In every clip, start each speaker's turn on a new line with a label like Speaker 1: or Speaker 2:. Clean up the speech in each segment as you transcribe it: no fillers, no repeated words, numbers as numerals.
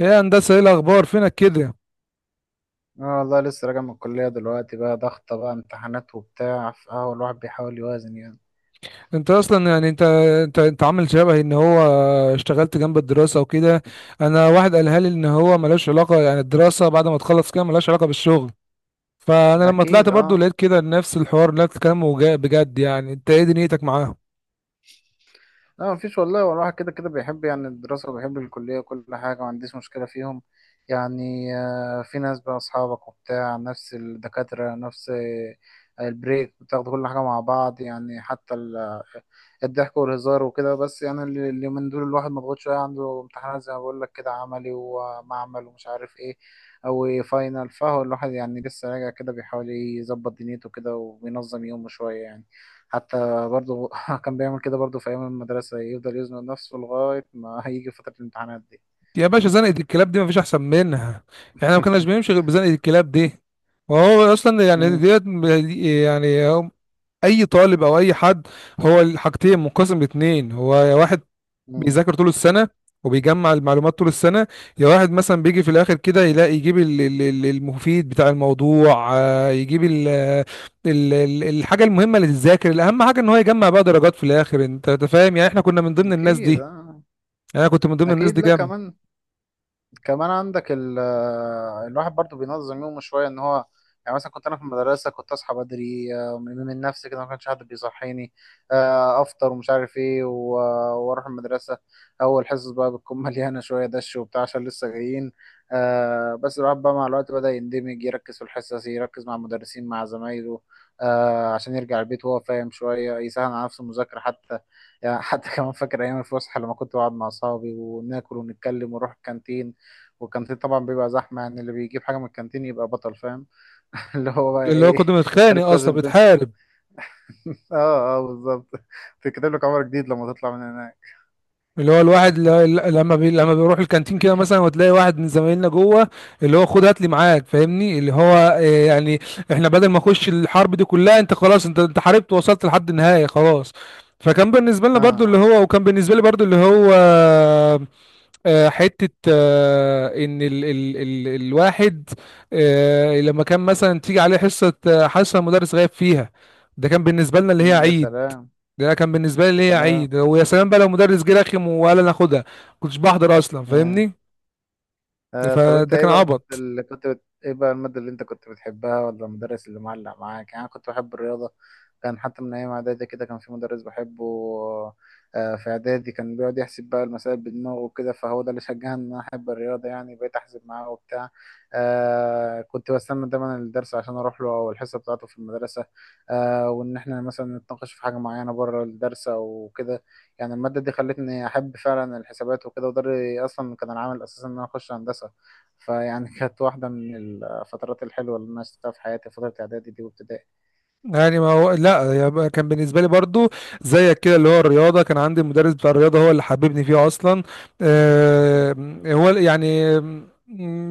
Speaker 1: ايه يا هندسه، ايه الاخبار؟ فينك كده؟
Speaker 2: اه والله لسه راجع من الكلية دلوقتي بقى، ضغطة بقى امتحانات وبتاع، فاه الواحد بيحاول يوازن يعني.
Speaker 1: انت اصلا يعني انت عامل شبهي، ان هو اشتغلت جنب الدراسه وكده. انا واحد قالها لي ان هو ملوش علاقه، يعني الدراسه بعد ما تخلص كده ملوش علاقه بالشغل. فانا لما طلعت
Speaker 2: أكيد
Speaker 1: برضو
Speaker 2: اه.
Speaker 1: لقيت كده نفس الحوار نفس الكلام بجد، يعني انت ايه دنيتك معاهم؟
Speaker 2: لا مفيش والله، هو الواحد كده كده بيحب يعني الدراسة، وبيحب الكلية وكل حاجة، ما عنديش مشكلة فيهم. يعني في ناس بقى أصحابك وبتاع، نفس الدكاترة، نفس البريك بتاخدوا كل حاجة مع بعض، يعني حتى الضحك والهزار وكده. بس يعني اللي من دول، الواحد مضغوط شوية، عنده امتحانات زي ما بقول لك، كده عملي ومعمل ومش عارف ايه أو فاينل. فهو الواحد يعني لسه راجع كده، بيحاول يظبط دنيته كده وبينظم يومه شوية يعني. حتى برضه كان بيعمل كده برضه في أيام المدرسة، يفضل يزنق نفسه لغاية ما هيجي فترة الامتحانات دي.
Speaker 1: يا باشا، زنقه الكلاب دي مفيش احسن منها، يعني ما كناش بنمشي غير بزنقه الكلاب دي. وهو اصلا يعني
Speaker 2: مم.
Speaker 1: ديت، يعني اي طالب او اي حد، هو الحاجتين منقسم لاتنين: هو واحد
Speaker 2: مم.
Speaker 1: بيذاكر طول السنة وبيجمع المعلومات طول السنة، يا واحد مثلا بيجي في الآخر كده يلاقي يجيب المفيد بتاع الموضوع، يجيب ال ال ال الحاجة المهمة اللي تتذاكر، الأهم حاجة إن هو يجمع بقى درجات في الآخر. أنت فاهم يعني؟ إحنا كنا من ضمن الناس
Speaker 2: أكيد
Speaker 1: دي،
Speaker 2: آه.
Speaker 1: أنا كنت من ضمن الناس
Speaker 2: أكيد.
Speaker 1: دي
Speaker 2: لا،
Speaker 1: جامد.
Speaker 2: كمان عندك ال آه، الواحد برضو بينظم يومه شوية ان هو. يعني مثلا كنت انا في المدرسة، كنت اصحى بدري من نفسي كده، ما كانش حد بيصحيني. افطر ومش عارف ايه واروح المدرسة. اول حصص بقى بتكون مليانة شوية دش وبتاع، عشان لسه جايين. بس الواحد بقى مع الوقت بدأ يندمج، يركز في الحصص، يركز مع المدرسين، مع زمايله. عشان يرجع البيت وهو فاهم شوية، يسهل على نفسه المذاكرة حتى. يعني حتى كمان فاكر أيام الفسحة، لما كنت بقعد مع أصحابي وناكل ونتكلم ونروح الكانتين. والكانتين طبعا بيبقى زحمة، يعني اللي بيجيب حاجة من الكانتين يبقى بطل فاهم. اللي هو بقى
Speaker 1: اللي هو
Speaker 2: ايه؟
Speaker 1: كنت بنتخانق
Speaker 2: خليك
Speaker 1: أصلا
Speaker 2: توازن بين.
Speaker 1: بتحارب.
Speaker 2: اه، اه، بالظبط. تكتب لك عمر جديد لما تطلع من هناك.
Speaker 1: اللي هو الواحد لما بيروح الكانتين كده مثلا وتلاقي واحد من زمايلنا جوه، اللي هو خد هات لي معاك، فاهمني؟ اللي هو يعني احنا بدل ما اخش الحرب دي كلها، انت خلاص، انت حاربت ووصلت لحد النهاية خلاص. فكان بالنسبة لنا
Speaker 2: اه،
Speaker 1: برضو اللي
Speaker 2: آه.
Speaker 1: هو، وكان بالنسبة لي برضو اللي هو، حتة، إن ال ال ال الواحد، لما كان مثلا تيجي عليه حصة، حصة المدرس غايب فيها، ده كان بالنسبة لنا اللي هي
Speaker 2: مم، يا
Speaker 1: عيد.
Speaker 2: سلام.
Speaker 1: ده كان بالنسبه لي
Speaker 2: يا
Speaker 1: ليا
Speaker 2: سلام.
Speaker 1: عيد، ويا سلام بقى لو مدرس جه رخم وقال انا اخدها. كنتش بحضر اصلا،
Speaker 2: آه.
Speaker 1: فاهمني؟
Speaker 2: آه، طب انت
Speaker 1: فده
Speaker 2: ايه
Speaker 1: كان
Speaker 2: بقى المادة
Speaker 1: عبط.
Speaker 2: اللي كنت ايه بقى المادة اللي انت كنت بتحبها ولا المدرس اللي معلق معاك؟ يعني انا كنت بحب الرياضة. كان حتى من ايام اعدادي كده كان في مدرس بحبه. في اعدادي كان بيقعد يحسب بقى المسائل بدماغه وكده، فهو ده اللي شجعني ان انا احب الرياضة، يعني بقيت احسب معاه وبتاع. كنت بستنى دايما الدرس عشان اروح له، او الحصة بتاعته في المدرسة. وان احنا مثلا نتناقش في حاجة معينة بره الدرس او كده. يعني المادة دي خلتني أحب فعلا الحسابات وكده، وده أصلا كان العامل الأساسي إن أنا أخش هندسة. فيعني كانت واحدة من الفترات الحلوة اللي أنا شفتها في حياتي، فترة إعدادي دي وابتدائي.
Speaker 1: يعني ما هو لا، يبقى كان بالنسبه لي برضو زيك كده، اللي هو الرياضه، كان عندي المدرس بتاع الرياضه هو اللي حببني فيه اصلا.
Speaker 2: مم.
Speaker 1: آه، هو يعني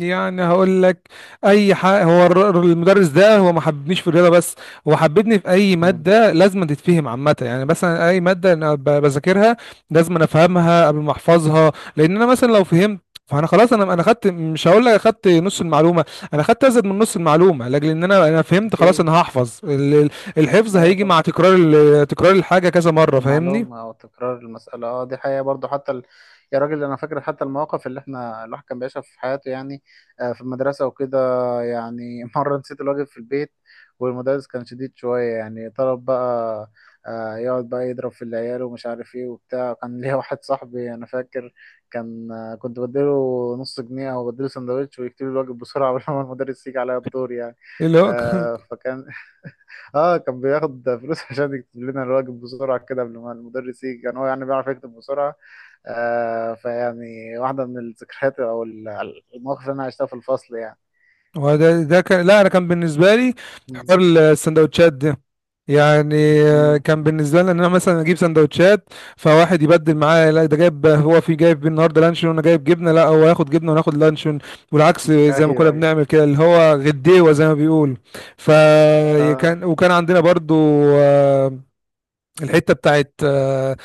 Speaker 1: يعني هقول لك اي حاجه: هو المدرس ده هو ما حببنيش في الرياضه بس، هو حببني في اي
Speaker 2: مم.
Speaker 1: ماده لازم تتفهم عامه. يعني مثلا اي ماده انا بذاكرها لازم أنا افهمها قبل ما احفظها. لان انا مثلا لو فهمت، فانا خلاص، انا خدت، مش هقول لك اخدت نص المعلومه، انا خدت ازيد من نص المعلومه، لاجل ان انا فهمت خلاص،
Speaker 2: أوكي.
Speaker 1: انا هحفظ الحفظ
Speaker 2: أيوة
Speaker 1: هيجي مع
Speaker 2: طبعا.
Speaker 1: تكرار تكرار الحاجه كذا مره، فاهمني؟
Speaker 2: المعلومة أو تكرار المسألة، دي حقيقة برضو، حتى يا راجل، أنا فاكر حتى المواقف اللي إحنا الواحد كان بيعيشها في حياته يعني. في المدرسة وكده. يعني مرة نسيت الواجب في البيت. والمدرس كان شديد شوية، يعني طلب بقى. يقعد بقى يضرب في العيال ومش عارف إيه وبتاع. كان ليا واحد صاحبي أنا فاكر. كان كنت بديله نص جنيه أو بديله سندوتش، ويكتب لي الواجب بسرعة قبل ما المدرس يجي عليا الدور يعني.
Speaker 1: إيه اللي هو
Speaker 2: فكان. اه، كان بياخد فلوس عشان يكتب لنا الواجب بسرعة كده، قبل ما المدرس يجي، كان هو يعني بيعرف يكتب بسرعة. فيعني واحدة من الذكريات أو المواقف اللي أنا عشتها في الفصل يعني.
Speaker 1: هو ده كان، لا انا كان بالنسبه لي
Speaker 2: مم.
Speaker 1: حوار السندوتشات ده، يعني
Speaker 2: مم.
Speaker 1: كان بالنسبه لي ان انا مثلا اجيب سندوتشات فواحد يبدل معايا، لا ده جايب هو، في جايب النهارده لانشون وانا جايب جبنه، لا هو ياخد جبنه وانا اخد لانشون، والعكس زي ما كنا
Speaker 2: أيوه، أيوه.
Speaker 1: بنعمل كده، اللي هو غديوه زي ما بيقول.
Speaker 2: اه.
Speaker 1: فكان، وكان عندنا برضو، آه، الحته بتاعت،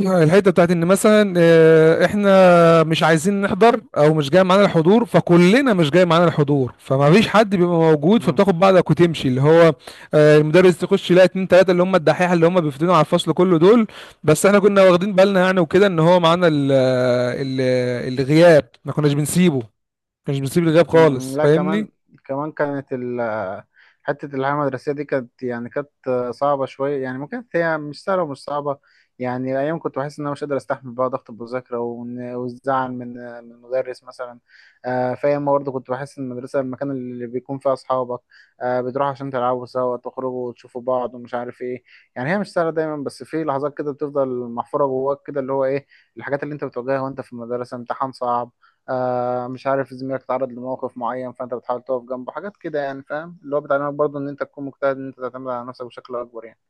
Speaker 1: الحته بتاعت ان مثلا احنا مش عايزين نحضر او مش جاي معانا الحضور، فكلنا مش جاي معانا الحضور، فما فيش حد بيبقى موجود، فبتاخد بعضك وتمشي. اللي هو المدرس يخش يلاقي اتنين تلاته اللي هم الدحيحه، اللي هم بيفتنوا على الفصل كله دول. بس احنا كنا واخدين بالنا، يعني وكده، ان هو معانا ال- الغياب ما كناش بنسيبه، ما كناش بنسيب الغياب
Speaker 2: مم،
Speaker 1: خالص،
Speaker 2: لا
Speaker 1: فاهمني؟
Speaker 2: كمان. كمان كانت حتة الحياة المدرسية دي، يعني كانت صعبة شوية، يعني ممكن هي مش سهلة ومش صعبة. يعني أيام كنت بحس إن أنا مش قادر أستحمل بقى ضغط المذاكرة، والزعل من المدرس مثلا. في أيام برضه كنت بحس إن المدرسة المكان اللي بيكون فيه أصحابك. بتروحوا عشان تلعبوا سوا، تخرجوا وتشوفوا بعض ومش عارف إيه. يعني هي مش سهلة دايما، بس في لحظات كده بتفضل محفورة جواك، كده اللي هو إيه. الحاجات اللي أنت بتواجهها وأنت في المدرسة، امتحان صعب. مش عارف، زميلك اتعرض لموقف معين، فانت بتحاول تقف جنبه. حاجات كده يعني فاهم، اللي هو بتعلمك برضه ان انت تكون مجتهد، ان انت تعتمد على نفسك بشكل اكبر يعني.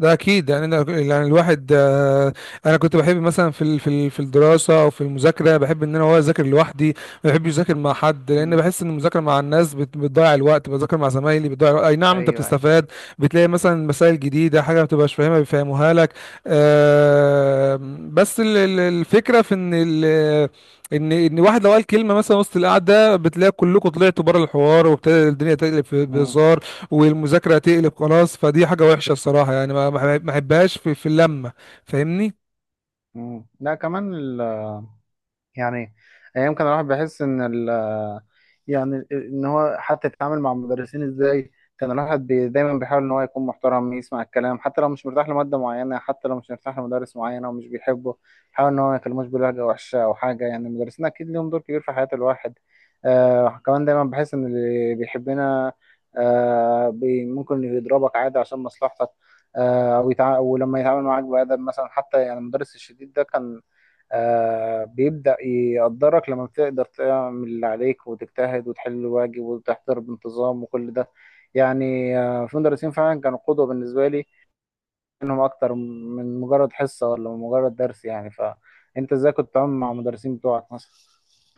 Speaker 1: ده اكيد، يعني انا، يعني الواحد، انا كنت بحب مثلا في الدراسه او في المذاكره، بحب ان انا هو اذاكر لوحدي. ما بحبش اذاكر مع حد، لان
Speaker 2: امم.
Speaker 1: بحس ان المذاكره مع الناس بتضيع الوقت، بذاكر مع زمايلي بتضيع الوقت. اي نعم انت
Speaker 2: ايوه، ايوه.
Speaker 1: بتستفاد، بتلاقي مثلا مسائل جديده، حاجه ما بتبقاش فاهمها بيفهموها لك، آه، بس الفكره في ان ان واحد لو قال كلمه مثلا وسط القعده، بتلاقي كلكم طلعتوا بره الحوار وابتدى الدنيا تقلب في
Speaker 2: امم.
Speaker 1: بهزار، والمذاكره هتقلب خلاص. فدي حاجه وحشه الصراحه، يعني ما احبهاش في في اللمه، فاهمني؟
Speaker 2: امم. لا كمان. يعني ايام كان الواحد بيحس ان ال يعني ان هو حتى يتعامل مع المدرسين ازاي. كان الواحد دايما بيحاول ان هو يكون محترم، يسمع الكلام، حتى لو مش مرتاح لماده معينه، حتى لو مش مرتاح لمدرس معين او مش بيحبه. يحاول ان هو ما يكلموش بلهجه وحشه او حاجه، يعني المدرسين اكيد ليهم دور كبير في حياه الواحد. كمان دايما بحس ان اللي بيحبنا. آه بي ممكن يضربك عادي عشان مصلحتك. ولما يتعامل معاك بأدب مثلا، حتى يعني المدرس الشديد ده كان. بيبدأ يقدرك لما بتقدر تعمل اللي عليك، وتجتهد، وتحل الواجب، وتحضر بانتظام، وكل ده. يعني في مدرسين فعلا كانوا قدوة بالنسبة لي. انهم اكتر من مجرد حصة ولا مجرد درس، يعني فانت ازاي كنت بتتعامل مع المدرسين بتوعك مثلا؟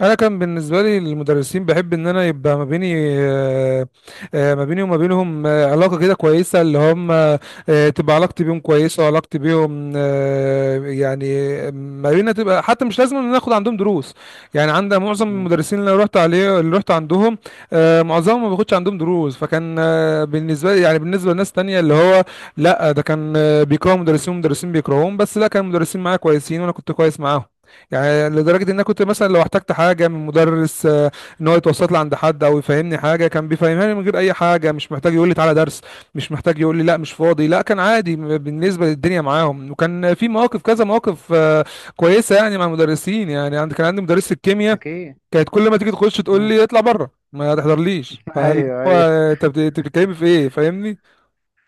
Speaker 1: انا كان بالنسبه لي المدرسين، بحب ان انا يبقى ما بيني، آه، ما بيني وما بينهم، علاقه كده كويسه، اللي هم، تبقى علاقتي بيهم كويسه وعلاقتي بيهم، يعني ما بينا تبقى، حتى مش لازم ان أنا اخد عندهم دروس. يعني عند معظم
Speaker 2: مم.
Speaker 1: المدرسين اللي أنا رحت عليه، اللي رحت عندهم، معظمهم ما باخدش عندهم دروس. فكان بالنسبه لي، يعني بالنسبه لناس تانية اللي هو لا، ده كان بيكرهوا مدرسين ومدرسين بيكرهوهم، بس لا، كان المدرسين معايا كويسين وانا كنت كويس معاهم. يعني لدرجة ان انا كنت مثلا لو احتجت حاجة من مدرس، ان هو يتوسط لي عند حد او يفهمني حاجة، كان بيفهمها لي من غير اي حاجة، مش محتاج يقول لي تعالى درس، مش محتاج يقول لي لا مش فاضي، لا كان عادي بالنسبة للدنيا معاهم. وكان في مواقف كذا مواقف كويسة يعني مع المدرسين. يعني عند، كان عندي مدرسة الكيمياء،
Speaker 2: اكيد.
Speaker 1: كانت كل ما تيجي تخش تقول
Speaker 2: مم.
Speaker 1: لي اطلع بره ما تحضرليش، فقال
Speaker 2: ايوه،
Speaker 1: هو
Speaker 2: ايوه.
Speaker 1: أنت بتتكلمي في ايه، فاهمني؟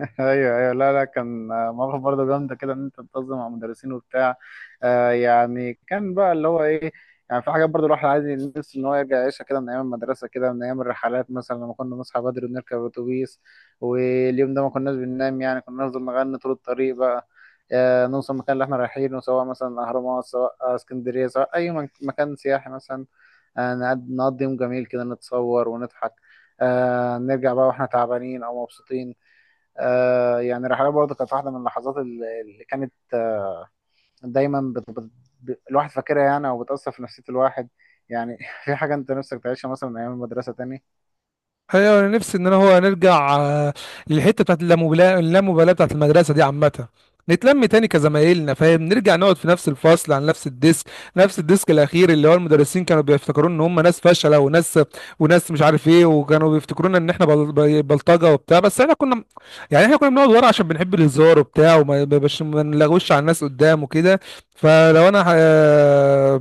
Speaker 2: ايوه، ايوه. لا، لا، كان مواقف برضه جامده كده ان انت تنتظم مع مدرسين وبتاع. يعني كان بقى اللي هو ايه؟ يعني في حاجات برضه الواحد عادي نفسه ان هو يرجع يعيشها كده من ايام المدرسه، كده من ايام الرحلات، مثلا لما كنا نصحى بدري ونركب اتوبيس. واليوم ده ما كناش بننام، يعني كنا نفضل نغني طول الطريق بقى. نوصل المكان اللي احنا رايحينه، سواء مثلا الاهرامات، سواء اسكندريه، سواء اي مكان سياحي مثلا. نقضي يوم جميل كده، نتصور ونضحك. نرجع بقى واحنا تعبانين او مبسوطين. يعني الرحلات برضه كانت واحده من اللحظات اللي كانت دايما الواحد فاكرها يعني، او بتاثر في نفسيه الواحد. يعني في حاجه انت نفسك تعيشها مثلا من ايام المدرسه تاني.
Speaker 1: ايوه انا نفسي ان انا هو نرجع، للحته بتاعت اللامبالاه، اللامبالاه بتاعت المدرسه دي عامه، نتلم تاني كزمايلنا، فاهم؟ نرجع نقعد في نفس الفصل على نفس الديسك، نفس الديسك الاخير، اللي هو المدرسين كانوا بيفتكرون ان هم ناس فاشله وناس مش عارف ايه، وكانوا بيفتكرونا ان احنا بلطجه وبتاع، بس احنا كنا، يعني احنا كنا بنقعد ورا عشان بنحب الهزار وبتاع، وما بش... ما نلغوش على الناس قدام وكده. فلو انا ه...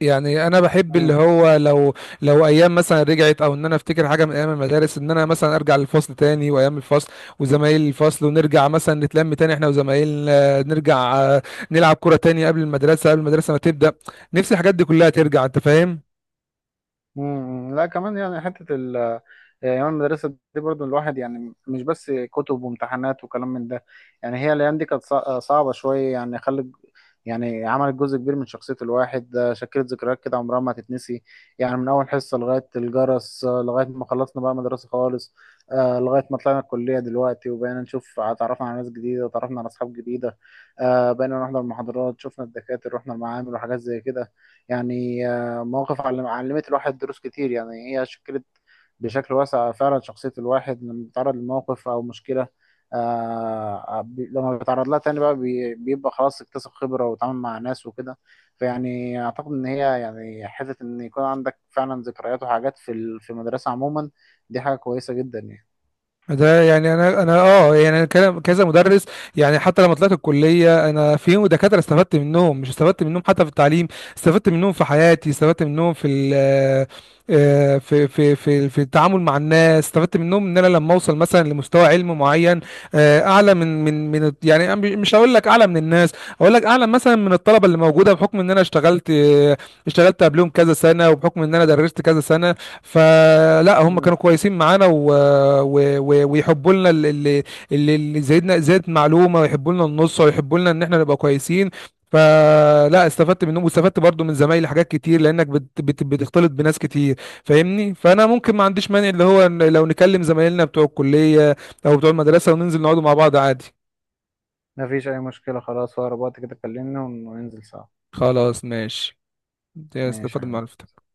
Speaker 1: يعني انا بحب اللي هو لو، لو ايام مثلا رجعت، او ان انا افتكر حاجه من ايام المدارس، ان انا مثلا ارجع للفصل تاني، وايام الفصل وزمايل الفصل، ونرجع مثلا نتلم تاني احنا وزمايلنا، نرجع نلعب كوره تاني قبل المدرسه، قبل المدرسه ما تبدا. نفسي الحاجات دي كلها ترجع، انت فاهم؟
Speaker 2: مم. لا كمان، يعني حتة يعني أيام المدرسة دي برضو، الواحد يعني مش بس كتب وامتحانات وكلام من ده. يعني هي الأيام دي كانت صعبة شوية، يعني خلت. يعني عملت جزء كبير من شخصية الواحد، شكلت ذكريات كده عمرها ما هتتنسي. يعني من أول حصة لغاية الجرس، لغاية ما خلصنا بقى مدرسة خالص. لغاية ما طلعنا الكلية دلوقتي، وبقينا نشوف، اتعرفنا على ناس جديدة، اتعرفنا على أصحاب جديدة. بقينا نحضر محاضرات، شفنا الدكاترة، رحنا المعامل وحاجات زي كده. يعني مواقف علمت الواحد دروس كتير، يعني هي شكلت. بشكل واسع فعلا شخصية الواحد، لما بيتعرض لموقف أو مشكلة. لما بيتعرض لها تاني بقى بيبقى خلاص، اكتسب خبرة وتعامل مع ناس وكده. فيعني أعتقد إن هي يعني، حتة إن يكون عندك فعلا ذكريات وحاجات في في المدرسة عموما. دي حاجة كويسة جدا يعني.
Speaker 1: ده يعني انا، يعني انا كذا مدرس، يعني حتى لما طلعت الكليه انا في دكاتره استفدت منهم، مش استفدت منهم حتى في التعليم، استفدت منهم في حياتي، استفدت منهم في في التعامل مع الناس. استفدت منهم ان انا لما اوصل مثلا لمستوى علم معين، اعلى من يعني أنا مش هقول لك اعلى من الناس، اقول لك اعلى مثلا من الطلبه اللي موجوده، بحكم ان انا اشتغلت، اشتغلت قبلهم كذا سنه، وبحكم ان انا درست كذا سنه. فلا هم
Speaker 2: مم.
Speaker 1: كانوا كويسين معانا، ويحبوا لنا اللي زايدنا زاد معلومه، ويحبوا لنا النص، ويحبوا لنا ان احنا نبقى كويسين. فلا استفدت منهم، واستفدت برضو من زمايلي حاجات كتير، لانك بت بت بتختلط بناس كتير، فاهمني؟ فانا ممكن ما عنديش مانع اللي هو إن لو نكلم زمايلنا بتوع الكليه او بتوع المدرسه وننزل نقعدوا مع بعض عادي.
Speaker 2: مفيش أي مشكلة. خلاص، في أقرب وقت كده كلمني وننزل سوا.
Speaker 1: خلاص ماشي،
Speaker 2: ماشي
Speaker 1: استفدت
Speaker 2: يا
Speaker 1: من
Speaker 2: حبيبي.
Speaker 1: معرفتك.